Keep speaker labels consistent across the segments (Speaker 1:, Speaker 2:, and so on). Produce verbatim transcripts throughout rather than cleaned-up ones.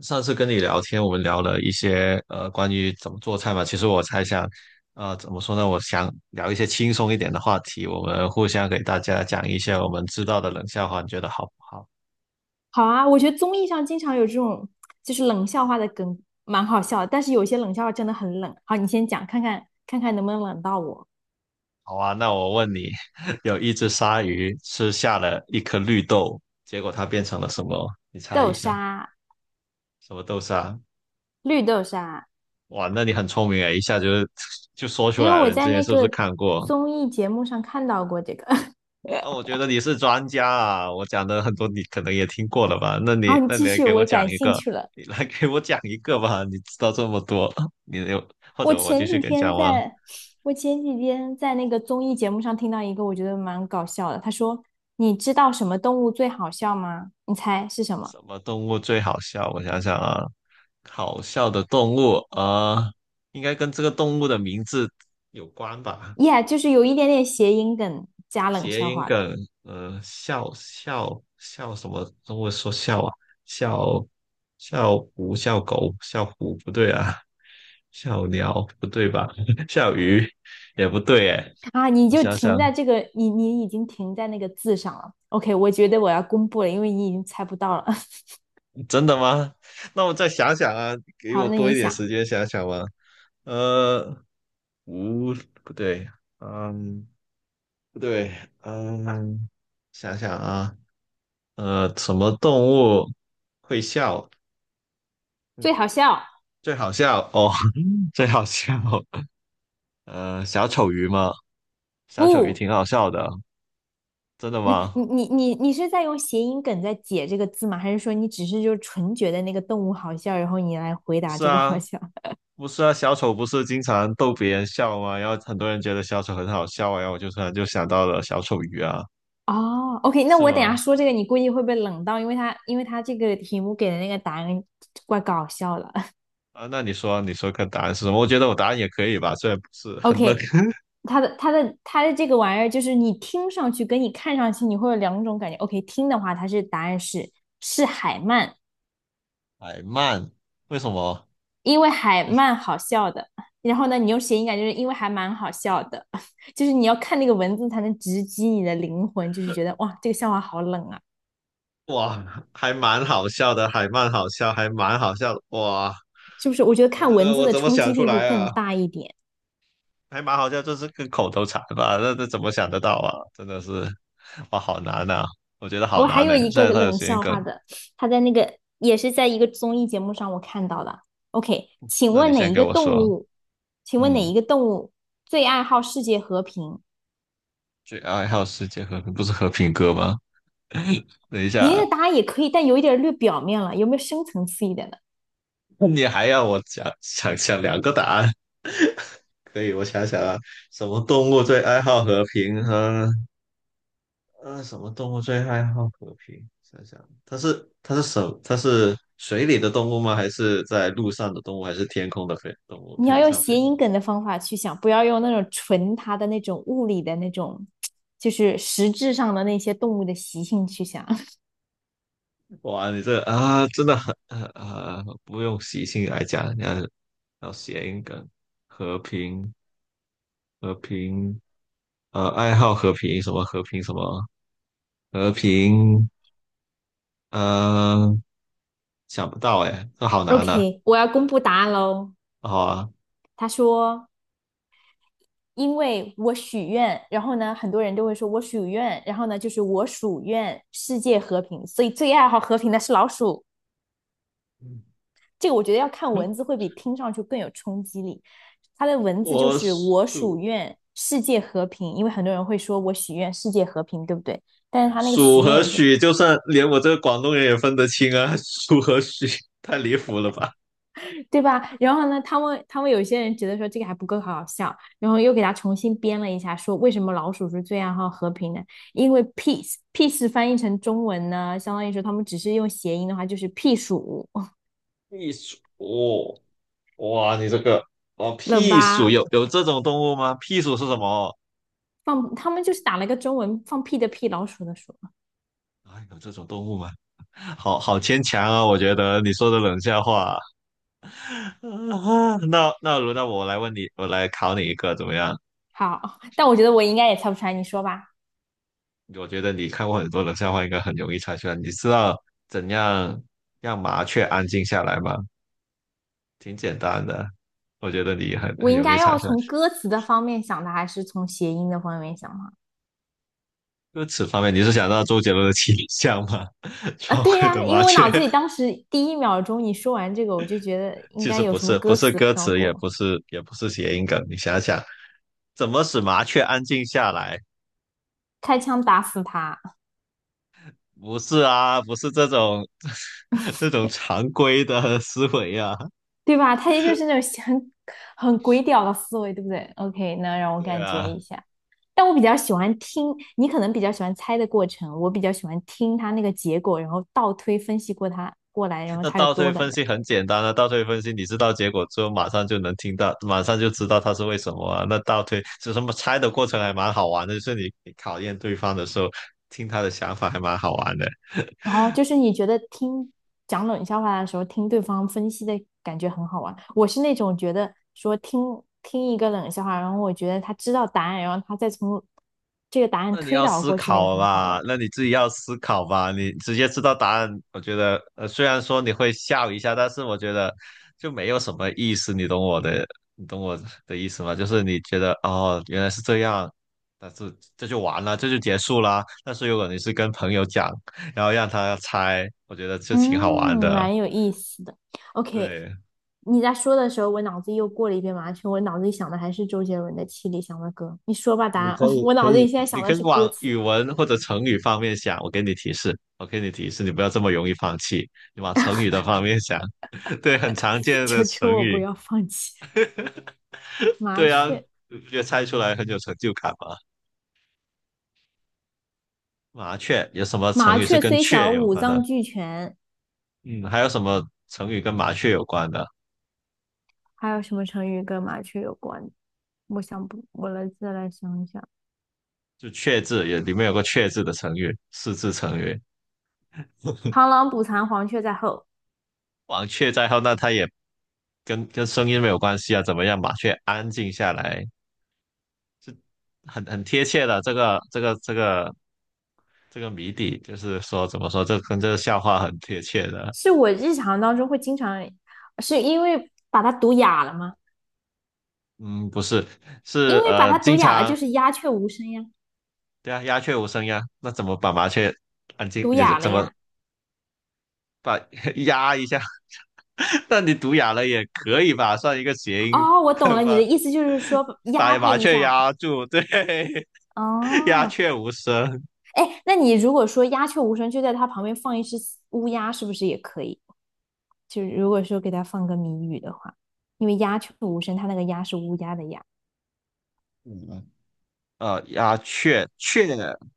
Speaker 1: 上次跟你聊天，我们聊了一些呃关于怎么做菜嘛。其实我猜想，呃，怎么说呢？我想聊一些轻松一点的话题，我们互相给大家讲一些我们知道的冷笑话，你觉得好不好？
Speaker 2: 好啊，我觉得综艺上经常有这种就是冷笑话的梗，蛮好笑的。但是有些冷笑话真的很冷。好，你先讲，看看看看能不能冷到我。
Speaker 1: 好啊，那我问你，有一只鲨鱼吃下了一颗绿豆，结果它变成了什么？你猜
Speaker 2: 豆
Speaker 1: 一下，
Speaker 2: 沙，
Speaker 1: 什么豆沙？
Speaker 2: 绿豆沙，
Speaker 1: 哇，那你很聪明诶，一下就 就说出
Speaker 2: 因为
Speaker 1: 来
Speaker 2: 我
Speaker 1: 了。你之
Speaker 2: 在
Speaker 1: 前
Speaker 2: 那
Speaker 1: 是不是
Speaker 2: 个
Speaker 1: 看过？
Speaker 2: 综艺节目上看到过这个。
Speaker 1: 啊，我觉得你是专家啊，我讲的很多你可能也听过了吧？那你
Speaker 2: 好，你
Speaker 1: 那你
Speaker 2: 继
Speaker 1: 来
Speaker 2: 续，
Speaker 1: 给我
Speaker 2: 我
Speaker 1: 讲
Speaker 2: 感
Speaker 1: 一
Speaker 2: 兴
Speaker 1: 个，
Speaker 2: 趣了。
Speaker 1: 你来给我讲一个吧。你知道这么多，你有或
Speaker 2: 我
Speaker 1: 者我继
Speaker 2: 前
Speaker 1: 续
Speaker 2: 几
Speaker 1: 给你讲
Speaker 2: 天
Speaker 1: 吗？
Speaker 2: 在，我前几天在那个综艺节目上听到一个，我觉得蛮搞笑的。他说：“你知道什么动物最好笑吗？你猜是什么
Speaker 1: 什么动物最好笑？我想想啊，好笑的动物啊，呃应该跟这个动物的名字有关吧？
Speaker 2: ？”Yeah，就是有一点点谐音梗加冷
Speaker 1: 谐
Speaker 2: 笑
Speaker 1: 音
Speaker 2: 话的。
Speaker 1: 梗，呃，笑笑笑什么？中文说笑啊，笑笑虎、笑狗、笑虎不对啊，笑鸟不对吧？笑鱼也不对哎，
Speaker 2: 啊，你
Speaker 1: 我
Speaker 2: 就
Speaker 1: 想
Speaker 2: 停
Speaker 1: 想，
Speaker 2: 在这个，你你已经停在那个字上了。OK，我觉得我要公布了，因为你已经猜不到了。
Speaker 1: 真的吗？那我再想想啊，给
Speaker 2: 好，
Speaker 1: 我
Speaker 2: 那
Speaker 1: 多
Speaker 2: 你
Speaker 1: 一点时
Speaker 2: 想，
Speaker 1: 间想想吧。呃，无不对，嗯，不对，嗯，想想啊，呃，什么动物会笑？
Speaker 2: 最好笑
Speaker 1: 最好笑哦，最好笑，呃，小丑鱼吗？小丑鱼
Speaker 2: 不？
Speaker 1: 挺好笑的，真的
Speaker 2: 那你
Speaker 1: 吗？
Speaker 2: 你你你是在用谐音梗在解这个字吗？还是说你只是就纯觉得那个动物好笑，然后你来回
Speaker 1: 不
Speaker 2: 答
Speaker 1: 是
Speaker 2: 这个好
Speaker 1: 啊，
Speaker 2: 笑？
Speaker 1: 不是啊，小丑不是经常逗别人笑吗？然后很多人觉得小丑很好笑啊然后我就突然就想到了小丑鱼啊，
Speaker 2: 哦，OK，那
Speaker 1: 是
Speaker 2: 我等一
Speaker 1: 吗？
Speaker 2: 下说这个，你估计会被冷到，因为他因为他这个题目给的那个答案怪搞笑的。
Speaker 1: 啊，那你说，你说个答案是什么？我觉得我答案也可以吧，虽然不是很乐。
Speaker 2: OK,它的它的它的这个玩意儿，就是你听上去跟你看上去，你会有两种感觉。OK，听的话，它是答案是是海曼，
Speaker 1: 海曼，为什么？
Speaker 2: 因为海 曼好笑的。然后呢，你用谐音感，就是因为还蛮好笑的，就是你要看那个文字才能直击你的灵魂，就是觉得哇，这个笑话好冷啊，
Speaker 1: 哇，还蛮好笑的，海曼好笑，还蛮好笑的，哇，
Speaker 2: 是不是？我觉得看
Speaker 1: 这
Speaker 2: 文
Speaker 1: 个
Speaker 2: 字
Speaker 1: 我
Speaker 2: 的
Speaker 1: 怎么
Speaker 2: 冲
Speaker 1: 想
Speaker 2: 击
Speaker 1: 出
Speaker 2: 力会
Speaker 1: 来
Speaker 2: 更
Speaker 1: 啊？
Speaker 2: 大一点。
Speaker 1: 还蛮好笑，就是个口头禅吧，那这怎么想得到啊？真的是，哇，好难啊！我觉得好
Speaker 2: 我还
Speaker 1: 难呢、
Speaker 2: 有一
Speaker 1: 虽
Speaker 2: 个
Speaker 1: 然它有时
Speaker 2: 冷
Speaker 1: 间
Speaker 2: 笑
Speaker 1: 梗，
Speaker 2: 话的，他在那个也是在一个综艺节目上我看到的。OK，请
Speaker 1: 那你
Speaker 2: 问哪
Speaker 1: 先
Speaker 2: 一
Speaker 1: 给
Speaker 2: 个
Speaker 1: 我
Speaker 2: 动
Speaker 1: 说，
Speaker 2: 物？请问哪一
Speaker 1: 嗯，
Speaker 2: 个动物最爱好世界和平？
Speaker 1: 最爱好世界和平不是和平鸽吗？等一
Speaker 2: 你那
Speaker 1: 下，
Speaker 2: 个答案也可以，但有一点略表面了，有没有深层次一点的？
Speaker 1: 那你还要我想想想两个答案？可以，我想想啊，什么动物最爱好和平和呃，什么动物最爱好和平？想想，它是它是什？它是水里的动物吗？还是在路上的动物？还是天空的飞动物？
Speaker 2: 你要
Speaker 1: 天
Speaker 2: 用
Speaker 1: 上飞
Speaker 2: 谐
Speaker 1: 的？
Speaker 2: 音梗的方法去想，不要用那种纯它的那种物理的那种，就是实质上的那些动物的习性去想。
Speaker 1: 哇，你这个啊，真的很啊，呃不用习性来讲，你要要谐音梗，和平和平，呃，爱好和平什么和平什么和平，呃，想不到哎，这好难呐、
Speaker 2: OK，我要公布答案喽。
Speaker 1: 啊，好啊，
Speaker 2: 他说。因为我许愿，然后呢，很多人都会说我许愿，然后呢，就是我属愿世界和平，所以最爱好和平的是老鼠。
Speaker 1: 嗯
Speaker 2: 这个我觉得要看文字会比听上去更有冲击力。它的文字就
Speaker 1: 我
Speaker 2: 是我属
Speaker 1: 数
Speaker 2: 愿世界和平，因为很多人会说我许愿世界和平，对不对？但是他那个
Speaker 1: 数
Speaker 2: 许愿
Speaker 1: 和
Speaker 2: 有些
Speaker 1: 许，就算连我这个广东人也分得清啊，数和许太离谱了吧？
Speaker 2: 对吧？然后呢，他们他们有些人觉得说这个还不够好笑，然后又给他重新编了一下，说为什么老鼠是最爱好和平的？因为 peace peace 翻译成中文呢，相当于说他们只是用谐音的话就是屁鼠
Speaker 1: 避暑，哦哇，你这个哦，
Speaker 2: 了
Speaker 1: 屁鼠
Speaker 2: 吧？
Speaker 1: 有有这种动物吗？屁鼠是什么？
Speaker 2: 放他们就是打了个中文放屁的屁，老鼠的鼠。
Speaker 1: 啊，有这种动物吗？好好牵强啊，我觉得你说的冷笑话。啊，那那轮到我来问你，我来考你一个怎么样？
Speaker 2: 好，但我觉得我应该也猜不出来，你说吧。
Speaker 1: 我觉得你看过很多冷笑话，应该很容易猜出来。你知道怎样让麻雀安静下来吗？挺简单的，我觉得你很
Speaker 2: 我
Speaker 1: 很
Speaker 2: 应
Speaker 1: 容易
Speaker 2: 该
Speaker 1: 猜
Speaker 2: 要
Speaker 1: 出来。
Speaker 2: 从歌词的方面想的，还是从谐音的方面想的？
Speaker 1: 歌词方面，你是想到周杰伦的《七里香》吗？
Speaker 2: 啊，
Speaker 1: 窗
Speaker 2: 对
Speaker 1: 外
Speaker 2: 呀，
Speaker 1: 的
Speaker 2: 因
Speaker 1: 麻
Speaker 2: 为我
Speaker 1: 雀，
Speaker 2: 脑子里当时第一秒钟你说完这个，我就觉得 应
Speaker 1: 其
Speaker 2: 该
Speaker 1: 实
Speaker 2: 有
Speaker 1: 不
Speaker 2: 什么
Speaker 1: 是，不
Speaker 2: 歌
Speaker 1: 是
Speaker 2: 词
Speaker 1: 歌
Speaker 2: 飘
Speaker 1: 词，也
Speaker 2: 过。
Speaker 1: 不是，也不是谐音梗。你想想，怎么使麻雀安静下来？
Speaker 2: 开枪打死他，
Speaker 1: 不是啊，不是这种 这种常规的思维啊。
Speaker 2: 对吧？他也就是那种很很鬼屌的思维，对不对？OK，那让我
Speaker 1: 对
Speaker 2: 感觉
Speaker 1: 啊，
Speaker 2: 一下。但我比较喜欢听，你可能比较喜欢猜的过程，我比较喜欢听他那个结果，然后倒推分析过他过来，然后
Speaker 1: 那
Speaker 2: 他有
Speaker 1: 倒
Speaker 2: 多
Speaker 1: 推
Speaker 2: 冷
Speaker 1: 分
Speaker 2: 的。
Speaker 1: 析很简单啊，倒推分析你知道结果之后，马上就能听到，马上就知道它是为什么啊。那倒推就什么猜的过程还蛮好玩的，就是你你考验对方的时候，听他的想法还蛮好玩的。
Speaker 2: 然后就是你觉得听讲冷笑话的时候，听对方分析的感觉很好玩。我是那种觉得说听听一个冷笑话，然后我觉得他知道答案，然后他再从这个答案
Speaker 1: 那你
Speaker 2: 推
Speaker 1: 要
Speaker 2: 导
Speaker 1: 思
Speaker 2: 过去，那个
Speaker 1: 考
Speaker 2: 很好
Speaker 1: 吧，
Speaker 2: 玩。
Speaker 1: 那你自己要思考吧。你直接知道答案，我觉得，呃，虽然说你会笑一下，但是我觉得就没有什么意思。你懂我的，你懂我的意思吗？就是你觉得哦，原来是这样，但是这就完了，这就结束啦。但是如果你是跟朋友讲，然后让他猜，我觉得就
Speaker 2: 嗯，
Speaker 1: 挺好玩的。
Speaker 2: 蛮有意思的。OK，
Speaker 1: 对，
Speaker 2: 你在说的时候，我脑子又过了一遍麻雀，我脑子里想的还是周杰伦的《七里香》的歌。你说吧，答
Speaker 1: 你
Speaker 2: 案。
Speaker 1: 可 以
Speaker 2: 我
Speaker 1: 可
Speaker 2: 脑子里
Speaker 1: 以，
Speaker 2: 现在
Speaker 1: 你
Speaker 2: 想
Speaker 1: 可
Speaker 2: 的
Speaker 1: 以
Speaker 2: 是歌
Speaker 1: 往
Speaker 2: 词，
Speaker 1: 语文或者成语方面想。我给你提示，我给你提示，你不要这么容易放弃，你往成语的方面想。对，很常 见的
Speaker 2: 求求
Speaker 1: 成
Speaker 2: 我不
Speaker 1: 语。
Speaker 2: 要放弃。麻
Speaker 1: 对啊，
Speaker 2: 雀，
Speaker 1: 就猜出来很有成就感嘛。麻雀有什么成
Speaker 2: 麻
Speaker 1: 语是
Speaker 2: 雀
Speaker 1: 跟
Speaker 2: 虽小，
Speaker 1: 雀有
Speaker 2: 五
Speaker 1: 关的？
Speaker 2: 脏俱全。
Speaker 1: 嗯，还有什么成语跟麻雀有关的？
Speaker 2: 还有什么成语跟麻雀有关的我想不，我来再来想一想。
Speaker 1: 就雀字也里面有个雀字的成语，四字成语。
Speaker 2: 螳螂捕蝉，黄雀在后，
Speaker 1: 王雀在后，那它也跟跟声音没有关系啊。怎么样，麻雀安静下来，是很很贴切的。这个这个这个这个谜底，就是说怎么说，这跟这个笑话很贴切的。
Speaker 2: 是我日常当中会经常，是因为把它读哑了吗？
Speaker 1: 嗯，不是，
Speaker 2: 因
Speaker 1: 是
Speaker 2: 为把
Speaker 1: 呃，
Speaker 2: 它读
Speaker 1: 经
Speaker 2: 哑了，就
Speaker 1: 常
Speaker 2: 是鸦雀无声呀。
Speaker 1: 对啊，鸦雀无声呀，那怎么把麻雀安静，
Speaker 2: 毒
Speaker 1: 就是
Speaker 2: 哑了
Speaker 1: 怎么
Speaker 2: 呀。
Speaker 1: 把 压一下？那你读哑了也可以吧，算一个谐音吧，
Speaker 2: 哦，我懂了，你的意思就是说
Speaker 1: 把
Speaker 2: 压
Speaker 1: 把
Speaker 2: 他
Speaker 1: 麻
Speaker 2: 一
Speaker 1: 雀
Speaker 2: 下。
Speaker 1: 压住，对，鸦
Speaker 2: 哦，
Speaker 1: 雀无声。
Speaker 2: 哎，那你如果说鸦雀无声，就在他旁边放一只乌鸦，是不是也可以？就是如果说给他放个谜语的话，因为鸦雀无声，它那个鸦是乌鸦的鸦。
Speaker 1: 嗯，呃，鸦雀雀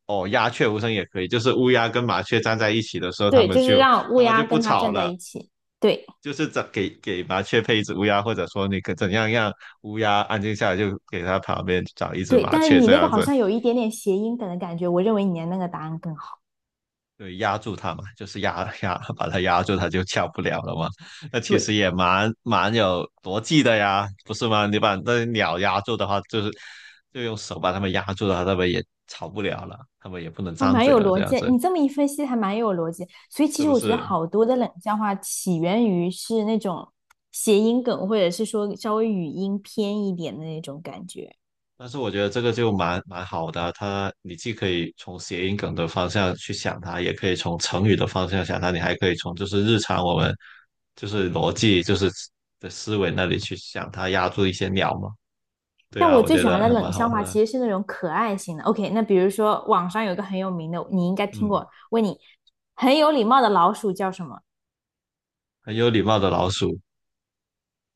Speaker 1: 哦，鸦雀无声也可以，就是乌鸦跟麻雀站在一起的时候，它
Speaker 2: 对，
Speaker 1: 们
Speaker 2: 就是
Speaker 1: 就
Speaker 2: 让乌
Speaker 1: 它们就
Speaker 2: 鸦
Speaker 1: 不
Speaker 2: 跟他
Speaker 1: 吵
Speaker 2: 站在
Speaker 1: 了，
Speaker 2: 一起。对
Speaker 1: 就是怎给给麻雀配一只乌鸦，或者说你可怎样让乌鸦安静下来，就给它旁边找一只
Speaker 2: 对，
Speaker 1: 麻
Speaker 2: 但是
Speaker 1: 雀
Speaker 2: 你
Speaker 1: 这
Speaker 2: 那个
Speaker 1: 样
Speaker 2: 好
Speaker 1: 子。
Speaker 2: 像有一点点谐音梗的感觉，我认为你的那个答案更好。
Speaker 1: 对，压住它嘛，就是压 压把它压住，它就下不了了嘛。那其实
Speaker 2: 对。
Speaker 1: 也蛮蛮有逻辑的呀，不是吗？你把那鸟压住的话，就是就用手把它们压住的话，它们也吵不了了，它们也不能
Speaker 2: 啊，
Speaker 1: 张
Speaker 2: 蛮
Speaker 1: 嘴
Speaker 2: 有
Speaker 1: 了，这
Speaker 2: 逻
Speaker 1: 样
Speaker 2: 辑。
Speaker 1: 子
Speaker 2: 你这么一分析，还蛮有逻辑。所以其
Speaker 1: 是
Speaker 2: 实
Speaker 1: 不
Speaker 2: 我觉得
Speaker 1: 是？
Speaker 2: 好多的冷笑话起源于是那种谐音梗，或者是说稍微语音偏一点的那种感觉。
Speaker 1: 但是我觉得这个就蛮蛮好的啊，它你既可以从谐音梗的方向去想它，也可以从成语的方向想它，你还可以从就是日常我们就是逻辑就是的思维那里去想它压住一些鸟嘛。对
Speaker 2: 但
Speaker 1: 啊，
Speaker 2: 我
Speaker 1: 我
Speaker 2: 最
Speaker 1: 觉
Speaker 2: 喜
Speaker 1: 得
Speaker 2: 欢的
Speaker 1: 还蛮
Speaker 2: 冷
Speaker 1: 好
Speaker 2: 笑
Speaker 1: 玩
Speaker 2: 话
Speaker 1: 的。
Speaker 2: 其实是那种可爱型的。OK，那比如说网上有一个很有名的，你应该听
Speaker 1: 嗯，
Speaker 2: 过。问你，很有礼貌的老鼠叫什么
Speaker 1: 很有礼貌的老鼠，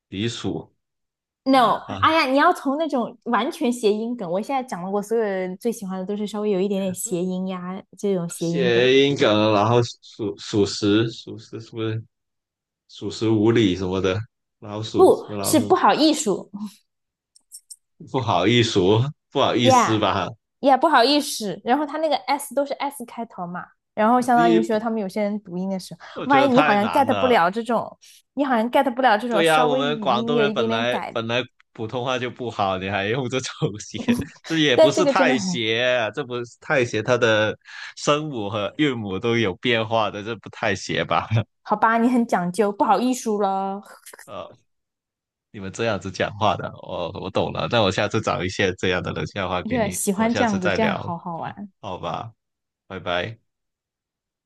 Speaker 1: 狸鼠
Speaker 2: ？No，
Speaker 1: 啊，
Speaker 2: 哎呀，你要从那种完全谐音梗。我现在讲的，我所有人最喜欢的都是稍微有一点点谐音呀，这种谐音梗。
Speaker 1: 谐音梗，然后属属实，属实是不是属实无礼什么的？老鼠什
Speaker 2: 不
Speaker 1: 么老
Speaker 2: 是不
Speaker 1: 鼠？
Speaker 2: 好艺术。
Speaker 1: 不好意思哦，不好意思
Speaker 2: ，yeah
Speaker 1: 吧？
Speaker 2: yeah，不好意思，然后他那个 s 都是 s 开头嘛，然后相当于说
Speaker 1: 你
Speaker 2: 他们有些人读音的时候，
Speaker 1: 我
Speaker 2: 我
Speaker 1: 觉
Speaker 2: 发
Speaker 1: 得
Speaker 2: 现你好
Speaker 1: 太
Speaker 2: 像
Speaker 1: 难
Speaker 2: get 不
Speaker 1: 了。
Speaker 2: 了这种，你好像 get 不了这
Speaker 1: 对
Speaker 2: 种
Speaker 1: 呀、
Speaker 2: 稍
Speaker 1: 我
Speaker 2: 微
Speaker 1: 们
Speaker 2: 语
Speaker 1: 广
Speaker 2: 音
Speaker 1: 东
Speaker 2: 有
Speaker 1: 人
Speaker 2: 一点
Speaker 1: 本
Speaker 2: 点
Speaker 1: 来
Speaker 2: 改的，
Speaker 1: 本来普通话就不好，你还用这种写，这也不
Speaker 2: 但这
Speaker 1: 是
Speaker 2: 个真的
Speaker 1: 太
Speaker 2: 很
Speaker 1: 写，这不是太写，它的声母和韵母都有变化的，这不太写吧？
Speaker 2: 好吧，你很讲究，不好意思了
Speaker 1: 呃，你们这样子讲话的，我我懂了。那我下次找一些这样的冷笑话 给
Speaker 2: ，yeah，
Speaker 1: 你，
Speaker 2: 喜
Speaker 1: 我
Speaker 2: 欢
Speaker 1: 下
Speaker 2: 这
Speaker 1: 次
Speaker 2: 样子，
Speaker 1: 再
Speaker 2: 这样
Speaker 1: 聊，
Speaker 2: 好好玩。
Speaker 1: 好吧，拜拜。